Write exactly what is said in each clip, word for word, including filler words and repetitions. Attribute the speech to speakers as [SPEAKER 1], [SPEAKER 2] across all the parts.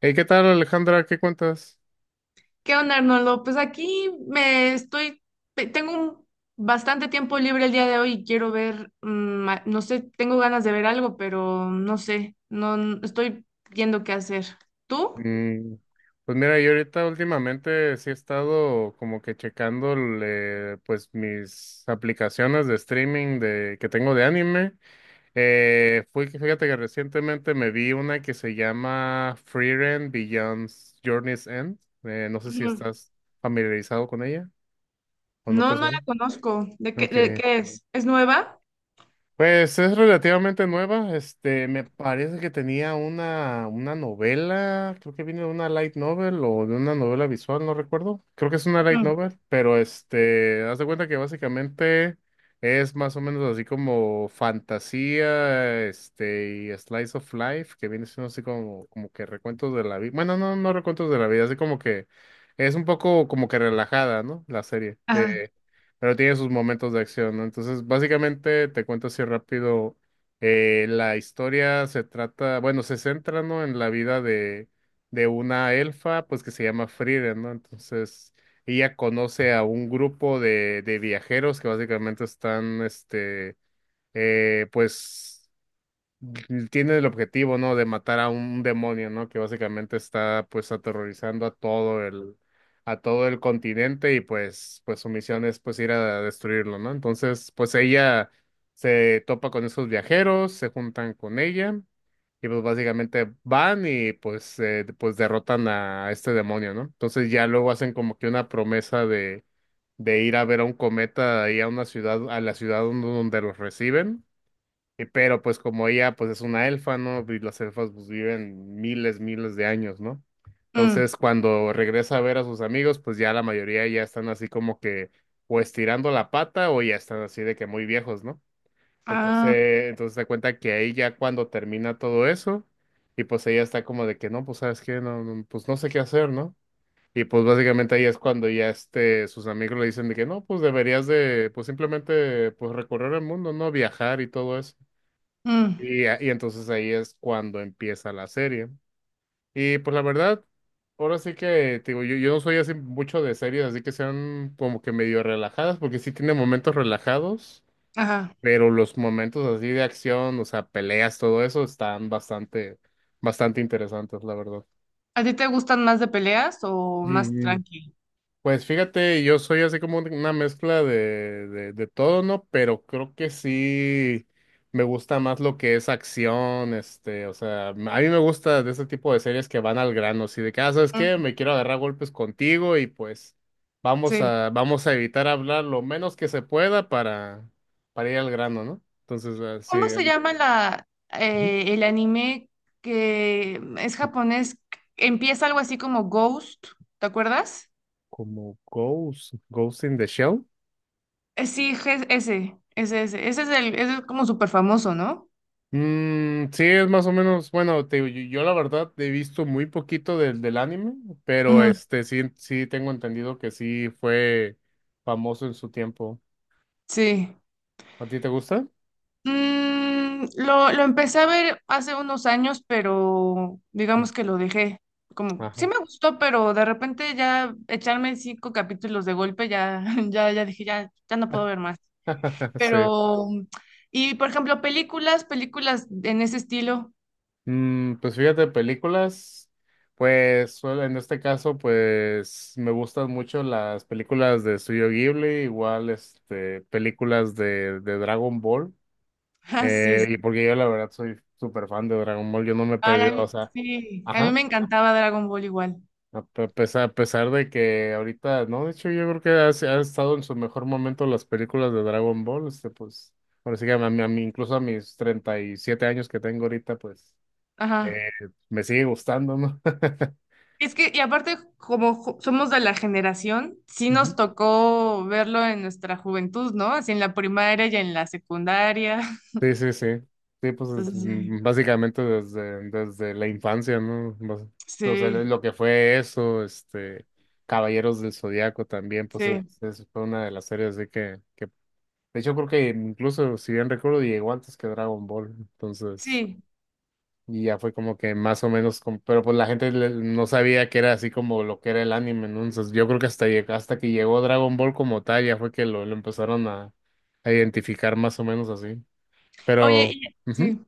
[SPEAKER 1] Hey, ¿qué tal, Alejandra? ¿Qué cuentas?
[SPEAKER 2] ¿Qué onda, Arnoldo? Pues aquí me estoy, te- tengo un- bastante tiempo libre el día de hoy y quiero ver, mm, a- no sé, tengo ganas de ver algo, pero no sé, no n- estoy viendo qué hacer. ¿Tú?
[SPEAKER 1] Mm, pues mira, yo ahorita últimamente sí he estado como que checando eh, pues mis aplicaciones de streaming de, que tengo de anime. Eh, fui, fíjate que recientemente me vi una que se llama Frieren Beyond Journey's End. Eh, no sé si
[SPEAKER 2] Ujú.
[SPEAKER 1] estás familiarizado con ella o no
[SPEAKER 2] No,
[SPEAKER 1] te
[SPEAKER 2] no
[SPEAKER 1] suena.
[SPEAKER 2] la conozco. ¿De qué,
[SPEAKER 1] Ok.
[SPEAKER 2] de qué es? ¿Es nueva?
[SPEAKER 1] Pues es relativamente nueva. Este, me parece que tenía una, una novela, creo que viene de una light novel o de una novela visual, no recuerdo. Creo que es una light
[SPEAKER 2] Ujú.
[SPEAKER 1] novel, pero este, haz de cuenta que básicamente es más o menos así como fantasía, este, y slice of life, que viene siendo así como, como que recuentos de la vida. Bueno, no, no recuentos de la vida, así como que es un poco como que relajada, ¿no? La serie.
[SPEAKER 2] Ajá.
[SPEAKER 1] Eh, pero tiene sus momentos de acción, ¿no? Entonces, básicamente, te cuento así rápido, eh, la historia se trata, bueno, se centra, ¿no? En la vida de, de una elfa, pues que se llama Frida, ¿no? Entonces, ella conoce a un grupo de, de viajeros que básicamente están, este, eh, pues tiene el objetivo, ¿no? De matar a un demonio, ¿no? Que básicamente está pues aterrorizando a todo el, a todo el continente y pues, pues su misión es pues ir a destruirlo, ¿no? Entonces, pues ella se topa con esos viajeros, se juntan con ella y pues básicamente van y pues, eh, pues derrotan a este demonio, ¿no? Entonces ya luego hacen como que una promesa de, de ir a ver a un cometa ahí a una ciudad, a la ciudad donde donde los reciben. Y pero pues como ella pues es una elfa, ¿no? Y las elfas pues viven miles, miles de años, ¿no?
[SPEAKER 2] Mm.
[SPEAKER 1] Entonces cuando regresa a ver a sus amigos, pues ya la mayoría ya están así como que o estirando la pata o ya están así de que muy viejos, ¿no?
[SPEAKER 2] Ah,
[SPEAKER 1] Entonces, entonces se cuenta que ahí ya cuando termina todo eso, y pues ella está como de que no, pues sabes qué, no, no, pues no sé qué hacer, ¿no? Y pues básicamente ahí es cuando ya este, sus amigos le dicen de que no, pues deberías de, pues simplemente, pues recorrer el mundo, ¿no? Viajar y todo eso.
[SPEAKER 2] mm.
[SPEAKER 1] Y, y entonces ahí es cuando empieza la serie. Y pues la verdad, ahora sí que, te digo, yo, yo no soy así mucho de series, así que sean como que medio relajadas, porque sí tiene momentos relajados,
[SPEAKER 2] Ajá.
[SPEAKER 1] pero los momentos así de acción, o sea, peleas, todo eso, están bastante, bastante interesantes, la verdad.
[SPEAKER 2] ¿A ti te gustan más de peleas o más tranqui?
[SPEAKER 1] Pues fíjate, yo soy así como una mezcla de, de, de todo, ¿no? Pero creo que sí me gusta más lo que es acción, este, o sea, a mí me gusta de este tipo de series que van al grano, así de que, ah, ¿sabes qué?
[SPEAKER 2] Mm.
[SPEAKER 1] Me quiero agarrar golpes contigo y pues vamos
[SPEAKER 2] Sí.
[SPEAKER 1] a, vamos a evitar hablar lo menos que se pueda para, para ir al grano, ¿no? Entonces, así,
[SPEAKER 2] ¿Cómo se llama la,
[SPEAKER 1] ujú,
[SPEAKER 2] eh, el anime que es japonés? Empieza algo así como Ghost, ¿te acuerdas?
[SPEAKER 1] como Ghost, Ghost in the Shell.
[SPEAKER 2] Eh, sí, je- ese, ese, ese, ese es el, ese es como súper famoso, ¿no?
[SPEAKER 1] Mm, sí, es más o menos, bueno, te digo, yo, yo la verdad he visto muy poquito del, del anime, pero
[SPEAKER 2] Ujú,
[SPEAKER 1] este sí, sí tengo entendido que sí fue famoso en su tiempo.
[SPEAKER 2] sí.
[SPEAKER 1] ¿A ti te gusta?
[SPEAKER 2] Mm, lo, lo empecé a ver hace unos años, pero digamos que lo dejé. Como, sí
[SPEAKER 1] Ajá.
[SPEAKER 2] me gustó, pero de repente ya echarme cinco capítulos de golpe, ya, ya, ya dije, ya, ya no puedo ver más.
[SPEAKER 1] Sí.
[SPEAKER 2] Pero, y por ejemplo, películas, películas en ese estilo.
[SPEAKER 1] Mm, pues fíjate, películas, pues suel- en este caso, pues me gustan mucho las películas de Studio Ghibli, igual este películas de, de Dragon Ball.
[SPEAKER 2] Ah, sí,
[SPEAKER 1] Eh,
[SPEAKER 2] sí.
[SPEAKER 1] y porque yo la verdad soy súper fan de Dragon Ball, yo no me he
[SPEAKER 2] Ay, a
[SPEAKER 1] perdido, o
[SPEAKER 2] mí,
[SPEAKER 1] sea,
[SPEAKER 2] sí, a mí
[SPEAKER 1] ajá,
[SPEAKER 2] me encantaba Dragon Ball igual.
[SPEAKER 1] a pe- pesar, a pesar de que ahorita, no, de hecho yo creo que ha, se- ha estado en su mejor momento las películas de Dragon Ball, este, pues, ahora sí que a mí, a mí, incluso a mis treinta y siete años que tengo ahorita, pues,
[SPEAKER 2] Ajá.
[SPEAKER 1] eh, me sigue gustando, ¿no?
[SPEAKER 2] Es que, y aparte, como ju- somos de la generación, sí nos tocó verlo en nuestra juventud, ¿no? Así en la primaria y en la secundaria.
[SPEAKER 1] Sí, sí, sí. Sí, pues es,
[SPEAKER 2] Entonces, sí,
[SPEAKER 1] mm, básicamente desde, desde la infancia, ¿no? Bas- O sea, lo
[SPEAKER 2] sí,
[SPEAKER 1] lo que fue eso, este, Caballeros del Zodiaco también, pues es,
[SPEAKER 2] sí,
[SPEAKER 1] es- fue una de las series de que, que, de hecho creo que incluso, si bien recuerdo, llegó antes que Dragon Ball, entonces,
[SPEAKER 2] sí.
[SPEAKER 1] y ya fue como que más o menos, como- pero pues la gente le- no sabía que era así como lo que era el anime, ¿no? Entonces yo creo que hasta, lleg- hasta que llegó Dragon Ball como tal, ya fue que lo, lo empezaron a, a identificar más o menos así,
[SPEAKER 2] Oye,
[SPEAKER 1] pero...
[SPEAKER 2] y-
[SPEAKER 1] ujú.
[SPEAKER 2] sí.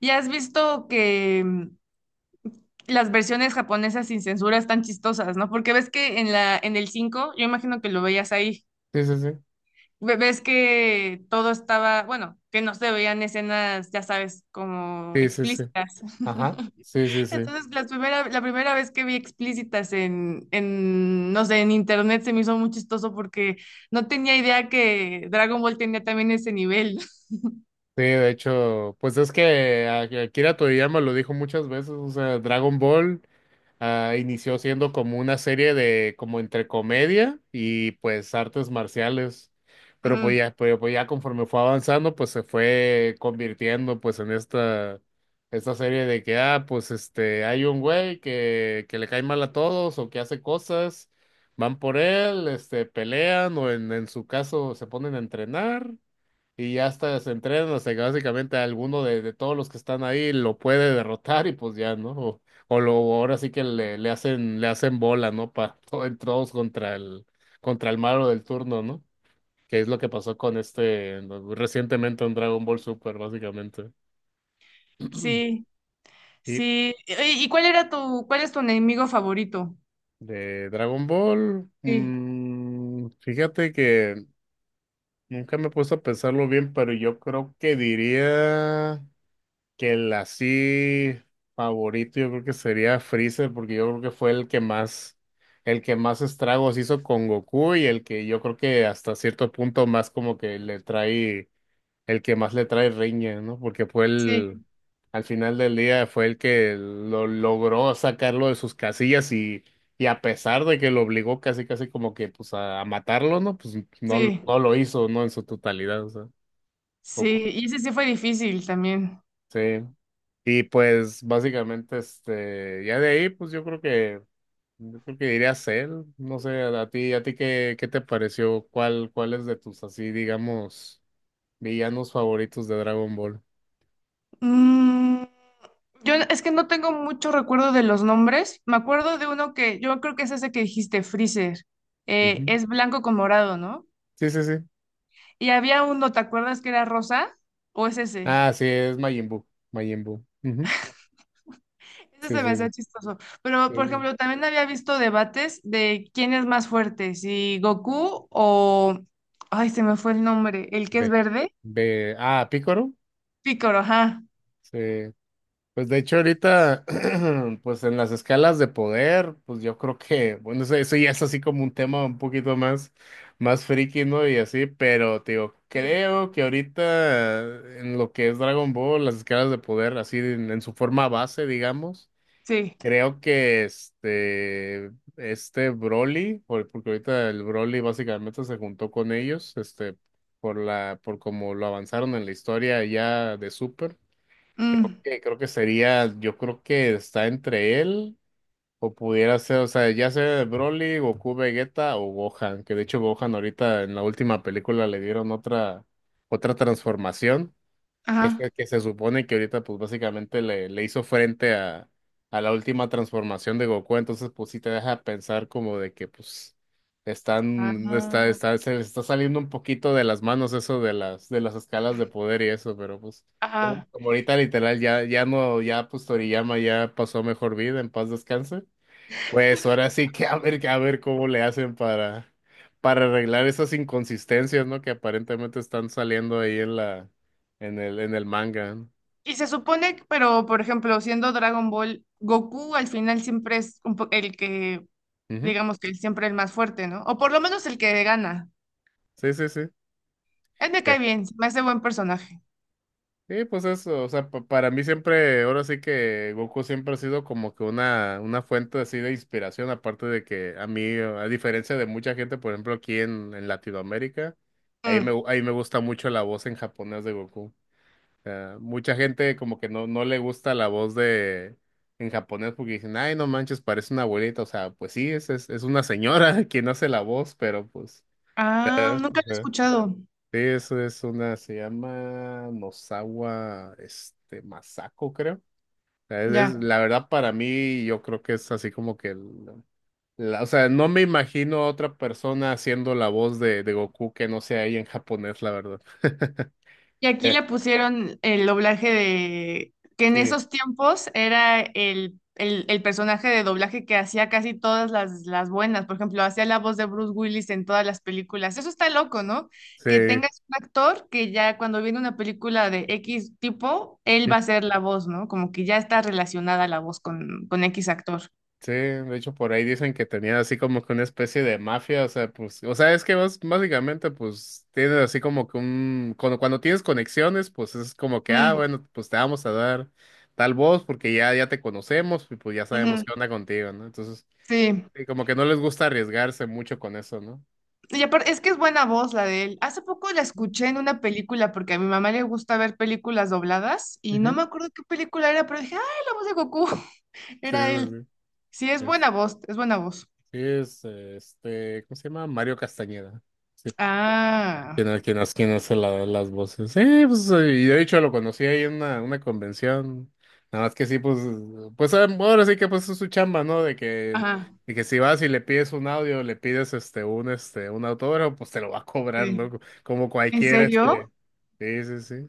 [SPEAKER 2] ¿Y has visto que las versiones japonesas sin censura están chistosas, ¿no? Porque ves que en la, en el cinco, yo imagino que lo veías ahí,
[SPEAKER 1] Sí, sí, sí.
[SPEAKER 2] ve- ves que todo estaba, bueno, que no se veían escenas, ya sabes, como
[SPEAKER 1] Sí, sí, sí.
[SPEAKER 2] explícitas.
[SPEAKER 1] Ajá. Sí, sí, sí.
[SPEAKER 2] Entonces, la primera, la primera vez que vi explícitas en, en, no sé, en internet se me hizo muy chistoso porque no tenía idea que Dragon Ball tenía también ese nivel.
[SPEAKER 1] Sí, de hecho, pues es que a- Akira Toriyama lo dijo muchas veces, o sea, Dragon Ball. Ah, inició siendo como una serie de, como entre comedia y pues artes marciales. Pero pues
[SPEAKER 2] Ujú.
[SPEAKER 1] ya, pero pues ya conforme fue avanzando, pues se fue convirtiendo pues en esta, esta serie de que, ah, pues este, hay un güey que, que le cae mal a todos o que hace cosas, van por él, este, pelean o en, en su caso se ponen a entrenar. Y ya hasta se entrenan hasta que básicamente alguno de, de todos los que están ahí lo puede derrotar y pues ya, ¿no? O, o lo ahora sí que le, le hacen, le hacen bola, ¿no? Para todos contra el, contra el malo del turno, ¿no? Que es lo que pasó con este, no, recientemente en Dragon Ball Super, básicamente.
[SPEAKER 2] Sí,
[SPEAKER 1] Y
[SPEAKER 2] sí. ¿Y y cuál era tu, cuál es tu enemigo favorito?
[SPEAKER 1] de Dragon Ball,
[SPEAKER 2] Sí,
[SPEAKER 1] mm, fíjate que nunca me he puesto a pensarlo bien, pero yo creo que diría que el así favorito yo creo que sería Freezer, porque yo creo que fue el que más, el que más estragos hizo con Goku y el que yo creo que hasta cierto punto más como que le trae, el que más le trae riña, ¿no? Porque fue
[SPEAKER 2] sí,
[SPEAKER 1] el, al final del día fue el que lo logró sacarlo de sus casillas y, y a pesar de que lo obligó casi casi como que pues a, a matarlo, ¿no? Pues no,
[SPEAKER 2] sí.
[SPEAKER 1] no lo hizo, ¿no? En su totalidad, o sea,
[SPEAKER 2] Sí,
[SPEAKER 1] poco.
[SPEAKER 2] y ese sí fue difícil también.
[SPEAKER 1] Sí. Y pues básicamente, este, ya de ahí, pues yo creo que, yo creo que diría Cell, no sé, a a ti, a ti qué, qué te pareció, cuál, cuál es de tus así, digamos, villanos favoritos de Dragon Ball.
[SPEAKER 2] Mm, yo es que no tengo mucho recuerdo de los nombres. Me acuerdo de uno que yo creo que es ese que dijiste, Freezer. Eh,
[SPEAKER 1] Ujú.
[SPEAKER 2] es blanco con morado, ¿no?
[SPEAKER 1] Sí, sí, sí.
[SPEAKER 2] Y había uno, ¿te acuerdas que era rosa? ¿O es ese?
[SPEAKER 1] Ah, sí, es Majin Buu, Majin Buu. Ujú.
[SPEAKER 2] Ese
[SPEAKER 1] Sí,
[SPEAKER 2] se me
[SPEAKER 1] sí, sí.
[SPEAKER 2] hacía chistoso. Pero, por
[SPEAKER 1] Sí,
[SPEAKER 2] ejemplo, también había visto debates de quién es más fuerte, si Goku o... Ay, se me fue el nombre. ¿El que es
[SPEAKER 1] Ve,
[SPEAKER 2] verde?
[SPEAKER 1] ve, ah, Pícoro.
[SPEAKER 2] Picoro, ajá.
[SPEAKER 1] Sí. Pues de hecho ahorita, pues en las escalas de poder, pues yo creo que, bueno, eso, eso ya es así como un tema un poquito más, más friki, ¿no? Y así, pero te digo,
[SPEAKER 2] Sí.
[SPEAKER 1] creo que ahorita en lo que es Dragon Ball, las escalas de poder, así en, en su forma base, digamos,
[SPEAKER 2] Sí.
[SPEAKER 1] creo que este, este Broly, por- porque ahorita el Broly básicamente se juntó con ellos, este, por la, por como lo avanzaron en la historia ya de Super
[SPEAKER 2] Mm,
[SPEAKER 1] que creo que sería, yo creo que está entre él o pudiera ser, o sea, ya sea Broly, Goku, Vegeta o Gohan, que de hecho Gohan ahorita en la última película le dieron otra otra transformación que
[SPEAKER 2] ajá,
[SPEAKER 1] se, que se supone que ahorita pues básicamente le, le hizo frente a, a la última transformación de Goku, entonces pues sí te deja pensar como de que pues están, está,
[SPEAKER 2] ajá,
[SPEAKER 1] está, se les está saliendo un poquito de las manos eso de las, de las escalas de poder y eso, pero pues como,
[SPEAKER 2] ajá.
[SPEAKER 1] como ahorita literal ya, ya no, ya pues Toriyama ya pasó a mejor vida, en paz descanse. Pues ahora sí que a ver, a ver cómo le hacen para, para arreglar esas inconsistencias, ¿no? Que aparentemente están saliendo ahí en la, en el, en el manga. ¿No?
[SPEAKER 2] Y se supone, que- pero por ejemplo, siendo Dragon Ball, Goku al final siempre es un po- el que,
[SPEAKER 1] Ujú.
[SPEAKER 2] digamos que siempre el más fuerte, ¿no? O por lo menos el que gana.
[SPEAKER 1] Sí, sí, sí.
[SPEAKER 2] Él me
[SPEAKER 1] Eh,
[SPEAKER 2] cae bien, se me hace buen personaje.
[SPEAKER 1] Sí, pues eso, o sea, pa- para mí siempre, ahora sí que Goku siempre ha sido como que una, una fuente así de inspiración, aparte de que a mí, a diferencia de mucha gente, por ejemplo, aquí en, en Latinoamérica, ahí me,
[SPEAKER 2] Mm.
[SPEAKER 1] gu- ahí me gusta mucho la voz en japonés de Goku. Sea, mucha gente como que no, no le gusta la voz de en japonés porque dicen, ay, no manches, parece una abuelita. O sea, pues sí, es, es, es una señora quien hace la voz, pero pues.
[SPEAKER 2] Ah,
[SPEAKER 1] eh,
[SPEAKER 2] nunca lo he
[SPEAKER 1] eh.
[SPEAKER 2] escuchado.
[SPEAKER 1] Sí, eso es una, se llama Nozawa, este, Masako, creo. O sea, es- es-
[SPEAKER 2] Ya.
[SPEAKER 1] la verdad para mí, yo creo que es así como que, el- la- o sea, no me imagino a otra persona haciendo la voz de, de Goku que no sea ahí en japonés, la verdad.
[SPEAKER 2] Y aquí
[SPEAKER 1] Eh,
[SPEAKER 2] le pusieron el doblaje de, que en
[SPEAKER 1] Sí,
[SPEAKER 2] esos tiempos era el, el, el personaje de doblaje que hacía casi todas las, las buenas. Por ejemplo, hacía la voz de Bruce Willis en todas las películas. Eso está loco, ¿no? Que tengas un actor que ya cuando viene una película de X tipo, él va
[SPEAKER 1] sí.
[SPEAKER 2] a ser la voz, ¿no? Como que ya está relacionada la voz con, con X actor.
[SPEAKER 1] Sí, de hecho por ahí dicen que tenía así como que una especie de mafia, o sea, pues, o sea, es que vos básicamente pues tienes así como que un, cuando, cuando tienes conexiones, pues es como que, ah,
[SPEAKER 2] Mm,
[SPEAKER 1] bueno, pues te vamos a dar tal voz porque ya, ya te conocemos y pues ya
[SPEAKER 2] ujú,
[SPEAKER 1] sabemos qué onda contigo, ¿no? Entonces,
[SPEAKER 2] sí.
[SPEAKER 1] sí, como que no les gusta arriesgarse mucho con eso, ¿no?
[SPEAKER 2] Y aparte, es que es buena voz la de él. Hace poco la escuché en una película porque a mi mamá le gusta ver películas dobladas y no
[SPEAKER 1] Ujú.
[SPEAKER 2] me acuerdo qué película era, pero dije, ¡ay, la voz de Goku!
[SPEAKER 1] Sí,
[SPEAKER 2] Era él.
[SPEAKER 1] sí, sí.
[SPEAKER 2] Sí, es buena
[SPEAKER 1] Es,
[SPEAKER 2] voz, es buena voz.
[SPEAKER 1] sí, es eh, este, ¿cómo se llama? Mario Castañeda. Sí.
[SPEAKER 2] Ah,
[SPEAKER 1] ¿Quién, ha- quién, hace- quién hace la- las voces? Sí, pues, eh, y de hecho lo conocí ahí en una, una convención. Nada más que sí, pues, pues ah, ahora sí que pues es su chamba, ¿no? De que,
[SPEAKER 2] ajá,
[SPEAKER 1] de que si vas y le pides un audio, le pides este, un, este, un autógrafo, pues te lo va a cobrar,
[SPEAKER 2] sí.
[SPEAKER 1] loco. Como
[SPEAKER 2] ¿En
[SPEAKER 1] cualquier,
[SPEAKER 2] serio?
[SPEAKER 1] este. Sí, sí, sí.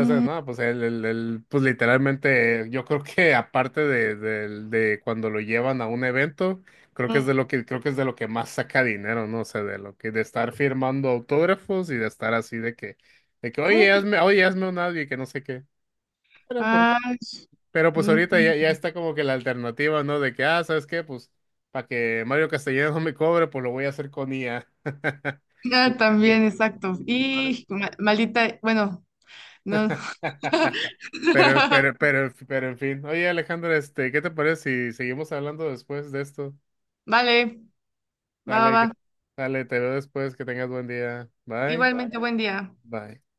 [SPEAKER 1] O sea, no, pues el, el, el- pues literalmente, yo creo que aparte de, del- de cuando lo llevan a un evento, creo que es de lo que, creo que es de lo que más saca dinero, ¿no? O sea, de lo que, de estar firmando autógrafos y de estar así de que, de que,
[SPEAKER 2] ¿cómo
[SPEAKER 1] oye,
[SPEAKER 2] que?
[SPEAKER 1] hazme, oye, hazme un audio y que no sé qué. Pero pues,
[SPEAKER 2] Ay,
[SPEAKER 1] pero pues
[SPEAKER 2] mm,
[SPEAKER 1] ahorita ya, ya está como que la alternativa, ¿no? De que, ah, ¿sabes qué? Pues, para que Mario Castellanos no me cobre, pues lo voy a hacer con I A.
[SPEAKER 2] ah, también, exacto. Y ma- maldita, bueno, no.
[SPEAKER 1] Pero, pero, pero, pero, en fin. Oye, Alejandro, este, ¿qué te parece si seguimos hablando después de esto?
[SPEAKER 2] Vale, va, va,
[SPEAKER 1] Dale, que-
[SPEAKER 2] va.
[SPEAKER 1] dale, te veo después, que tengas buen día. Bye,
[SPEAKER 2] Igualmente, buen día.
[SPEAKER 1] bye.